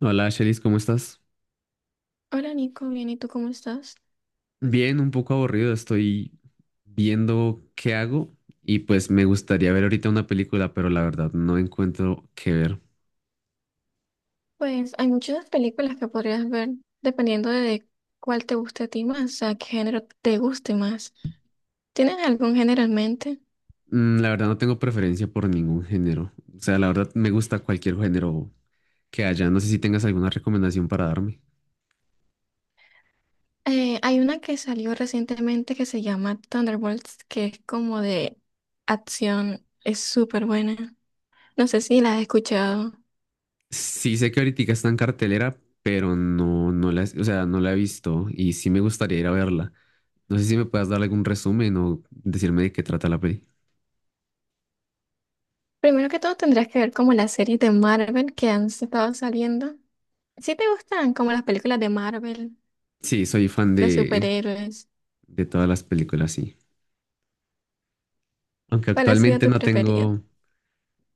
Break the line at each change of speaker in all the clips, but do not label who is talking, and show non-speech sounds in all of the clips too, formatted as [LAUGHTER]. Hola, Shelis, ¿cómo estás?
Hola Nico, bien, ¿y tú cómo estás?
Bien, un poco aburrido, estoy viendo qué hago y pues me gustaría ver ahorita una película, pero la verdad no encuentro qué ver.
Pues hay muchas películas que podrías ver dependiendo de cuál te guste a ti más, o sea, qué género te guste más. ¿Tienes algún género en mente?
La verdad no tengo preferencia por ningún género. O sea, la verdad me gusta cualquier género que haya. No sé si tengas alguna recomendación para darme.
Hay una que salió recientemente que se llama Thunderbolts, que es como de acción, es súper buena. No sé si la has escuchado.
Sí sé que ahorita está en cartelera, pero no, o sea, no la he visto y sí me gustaría ir a verla. No sé si me puedas dar algún resumen o decirme de qué trata la peli.
Primero que todo tendrías que ver como las series de Marvel que han estado saliendo. Si te gustan como las películas de Marvel,
Sí, soy fan
de superhéroes,
de todas las películas, sí. Aunque
¿cuál ha sido
actualmente
tu
no
preferido?
tengo.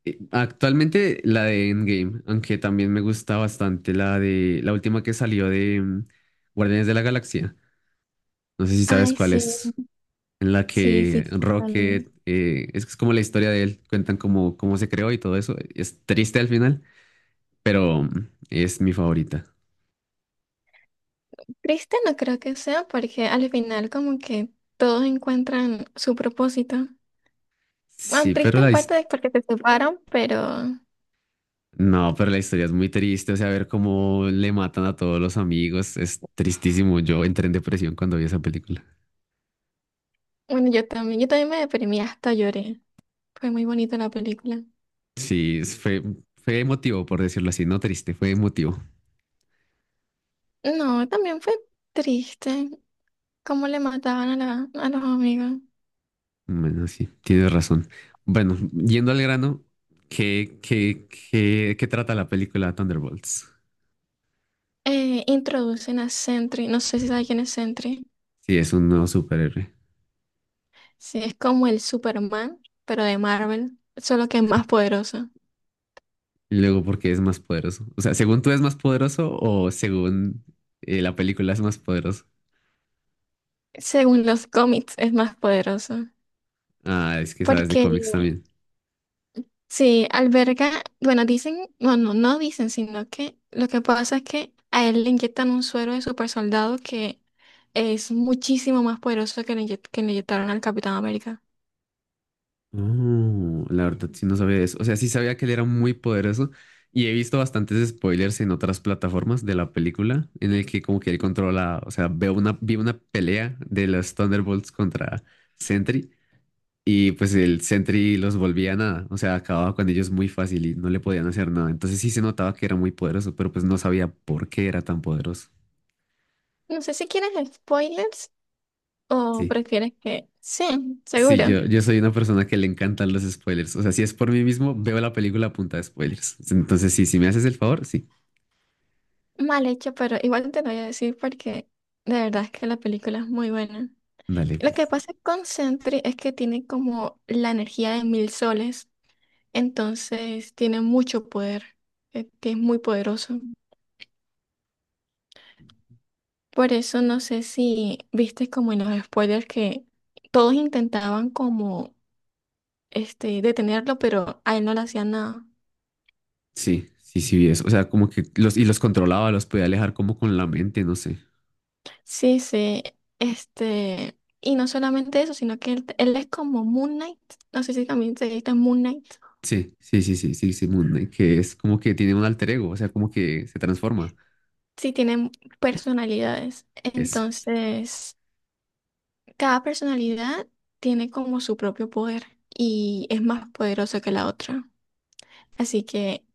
Actualmente la de Endgame, aunque también me gusta bastante la de la última que salió de Guardianes de la Galaxia. No sé si sabes
Ay,
cuál
sí.
es, en la
Sí, sí,
que
total.
Rocket, es que es como la historia de él, cuentan cómo se creó y todo eso. Es triste al final, pero es mi favorita.
Triste no creo que sea porque al final como que todos encuentran su propósito. Bueno,
Sí, pero
triste en parte es porque se separan, pero
no, pero la historia es muy triste, o sea, ver cómo le matan a todos los amigos, es tristísimo. Yo entré en depresión cuando vi esa película.
bueno, yo también me deprimí, hasta lloré. Fue muy bonita la película.
Sí, fue, fue emotivo, por decirlo así, no triste, fue emotivo.
No, también fue triste cómo le mataban a los amigos.
Bueno, sí, tienes razón. Bueno, yendo al grano, ¿qué trata la película Thunderbolts?
Introducen a Sentry, no sé si sabes quién es Sentry.
Sí, es un nuevo superhéroe.
Sí, es como el Superman, pero de Marvel, solo que es más poderoso.
Y luego, ¿por qué es más poderoso? O sea, ¿según tú es más poderoso o según la película es más poderoso?
Según los cómics, es más poderoso.
Ah, es que sabes de
Porque
cómics también.
sí, alberga, bueno, dicen, bueno, no dicen, sino que lo que pasa es que a él le inyectan un suero de super soldado que es muchísimo más poderoso que le inyectaron al Capitán América.
Oh, la verdad sí no sabía eso. O sea, sí sabía que él era muy poderoso y he visto bastantes spoilers en otras plataformas de la película en el que como que él controla, o sea, vi una pelea de los Thunderbolts contra Sentry y pues el Sentry los volvía nada, o sea, acababa con ellos muy fácil y no le podían hacer nada. Entonces sí se notaba que era muy poderoso, pero pues no sabía por qué era tan poderoso.
No sé si quieres spoilers o
Sí.
prefieres que... Sí,
Sí,
seguro.
yo soy una persona que le encantan los spoilers. O sea, si es por mí mismo, veo la película a punta de spoilers. Entonces, sí, si me haces el favor, sí.
Mal hecho, pero igual te lo voy a decir porque de verdad es que la película es muy buena.
Dale,
Lo que
pues.
pasa con Sentry es que tiene como la energía de mil soles. Entonces tiene mucho poder, es muy poderoso. Por eso no sé si viste como en los spoilers que todos intentaban como detenerlo, pero a él no le hacían nada.
Sí, sí, sí, vi eso. O sea, y los controlaba, los podía alejar como con la mente, no sé.
Sí, sí, y no solamente eso, sino que él es como Moon Knight, no sé si también se dice Moon Knight.
Sí, sí, sí, sí, sí, sí, Moon Knight, que es como que tiene un alter ego, o sea, como que se transforma.
Sí, tienen personalidades.
Eso.
Entonces, cada personalidad tiene como su propio poder y es más poderosa que la otra. Así que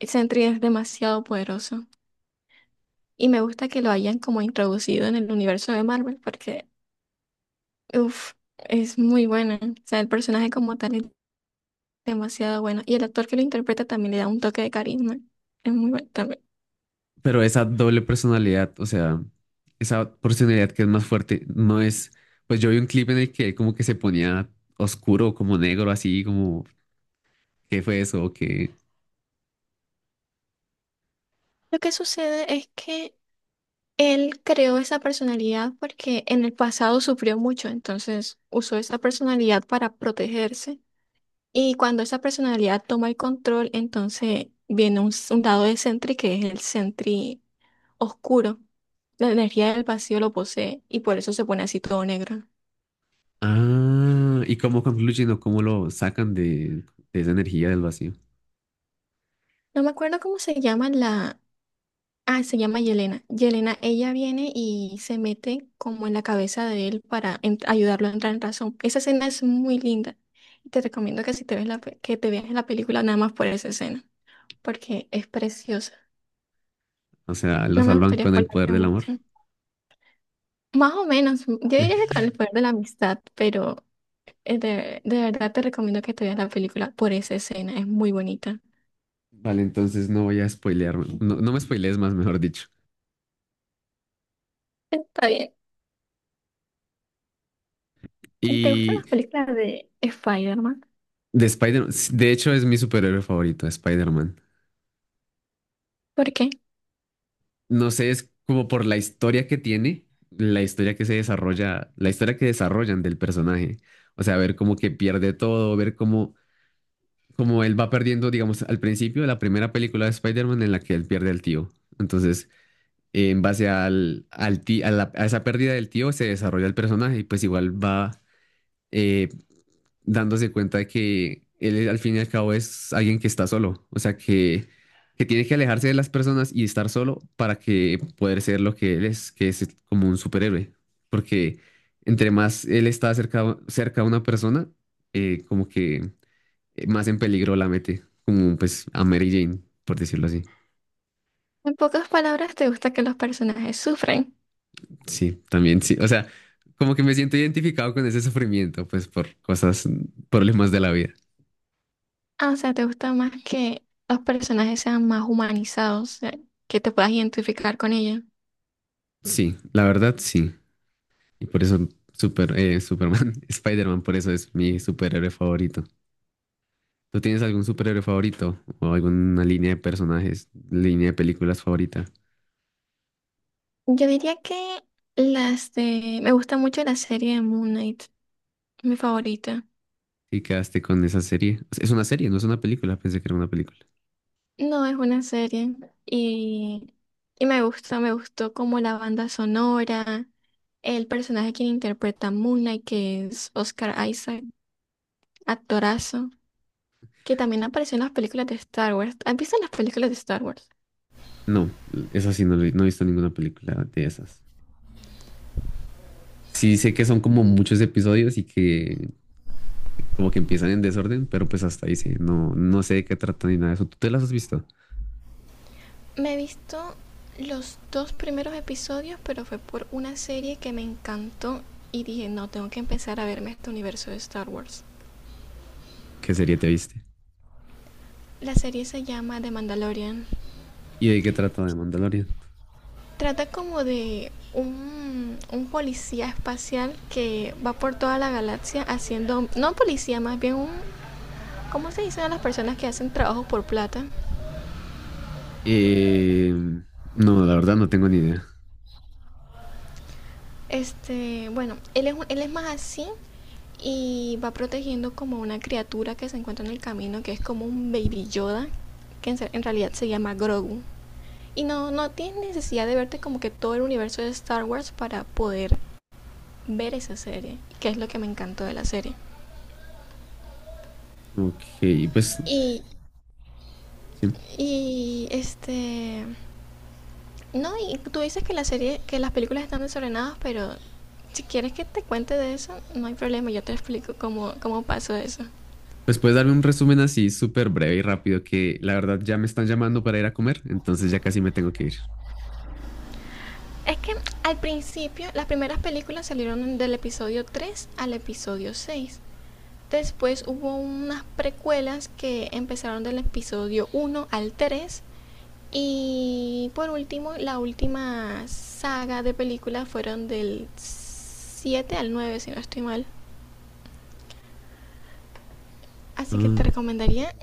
Sentry es demasiado poderoso. Y me gusta que lo hayan como introducido en el universo de Marvel porque, uff, es muy buena. O sea, el personaje como tal es demasiado bueno. Y el actor que lo interpreta también le da un toque de carisma. Es muy bueno también.
Pero esa doble personalidad, o sea, esa personalidad que es más fuerte, no es. Pues yo vi un clip en el que él como que se ponía oscuro, como negro, así, como, ¿qué fue eso? ¿O qué?
Lo que sucede es que él creó esa personalidad porque en el pasado sufrió mucho, entonces usó esa personalidad para protegerse. Y cuando esa personalidad toma el control, entonces viene un lado de Sentry que es el Sentry oscuro. La energía del vacío lo posee y por eso se pone así todo negro.
Ah, ¿y cómo concluyen o cómo lo sacan de esa energía del vacío?
No me acuerdo cómo se llama la... Ah, se llama Yelena. Yelena, ella viene y se mete como en la cabeza de él para ayudarlo a entrar en razón. Esa escena es muy linda. Y te recomiendo que si te ves la, pe- que te veas la película nada más por esa escena, porque es preciosa.
O sea, lo
No me
salvan
gustaría
con el poder
spoilarte
del amor.
mucho. Más o menos, yo diría que
[LAUGHS]
con el poder de la amistad, pero de verdad te recomiendo que te veas la película por esa escena. Es muy bonita.
Vale, entonces no voy a spoilearme. No, no me spoilees más, mejor dicho.
Está bien. ¿Y te gustan
Y
las películas de Spider-Man?
de Spider, de hecho es mi superhéroe favorito, Spider-Man.
¿Por qué?
No sé, es como por la historia que tiene, la historia que se desarrolla, la historia que desarrollan del personaje. O sea, ver cómo que pierde todo, ver cómo él va perdiendo, digamos, al principio de la primera película de Spider-Man en la que él pierde al tío. Entonces, en base al, al ti- a, la- a esa pérdida del tío se desarrolla el personaje y pues igual va eh, dándose cuenta de que él al fin y al cabo es alguien que está solo, o sea que tiene que alejarse de las personas y estar solo para que poder ser lo que él es, que es como un superhéroe, porque entre más él está cerca a una persona, como que más en peligro la mete, como pues a Mary Jane, por decirlo así.
En pocas palabras, ¿te gusta que los personajes sufren?
Sí, también sí. O sea, como que me siento identificado con ese sufrimiento, pues por cosas, problemas de la vida.
Ah, o sea, ¿te gusta más que los personajes sean más humanizados, que te puedas identificar con ellos?
Sí, la verdad, sí. Y por eso Superman, [LAUGHS] Spider-Man, por eso es mi superhéroe favorito. ¿Tú tienes algún superhéroe favorito o alguna línea de personajes, línea de películas favorita?
Yo diría que las de... Me gusta mucho la serie de Moon Knight, mi favorita.
Y quedaste con esa serie. Es una serie, no es una película. Pensé que era una película.
No es una serie y, y me gusta, me gustó como la banda sonora, el personaje que interpreta a Moon Knight, que es Oscar Isaac, actorazo. Que también apareció en las películas de Star Wars. ¿Has visto las películas de Star Wars?
No, esa sí no, no he visto ninguna película de esas. Sí sé que son como muchos episodios y que como que empiezan en desorden, pero pues hasta ahí sí, no, no sé de qué trata ni nada de eso. ¿Tú te las has visto?
Me he visto los dos primeros episodios, pero fue por una serie que me encantó y dije, no, tengo que empezar a verme este universo de Star Wars.
¿Qué serie te viste?
La serie se llama The Mandalorian.
¿Y de qué trata de Mandalorian?
Trata como de un policía espacial que va por toda la galaxia haciendo, no policía, más bien un, ¿cómo se dicen a las personas que hacen trabajo por plata?
Eh, no, la verdad no tengo ni idea.
Bueno, él es más así, y va protegiendo como una criatura que se encuentra en el camino, que es como un baby Yoda, que en realidad se llama Grogu. Y no, no tienes necesidad de verte como que todo el universo de Star Wars para poder ver esa serie, que es lo que me encantó de la serie.
Ok, pues,
Y,
sí.
y este, no, y tú dices que la serie, que las películas están desordenadas, pero si quieres que te cuente de eso, no hay problema, yo te explico cómo pasó eso.
Pues puedes darme un resumen así súper breve y rápido que la verdad ya me están llamando para ir a comer, entonces ya casi me tengo que ir.
Es que al principio las primeras películas salieron del episodio 3 al episodio 6. Después hubo unas precuelas que empezaron del episodio 1 al 3. Y por último, la última saga de películas fueron del 7 al 9 si no estoy mal. Así que te
Ah,
recomendaría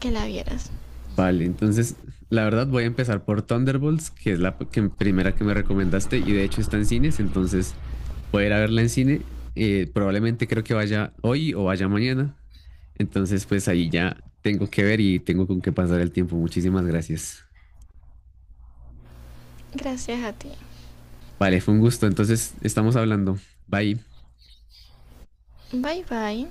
que la vieras.
vale, entonces la verdad voy a empezar por Thunderbolts, que es la primera que me recomendaste y de hecho está en cines, entonces voy a ir a verla en cine. Probablemente creo que vaya hoy o vaya mañana. Entonces pues ahí ya tengo que ver y tengo con qué pasar el tiempo. Muchísimas gracias.
Gracias a ti.
Vale, fue un gusto. Entonces estamos hablando. Bye.
Bye bye.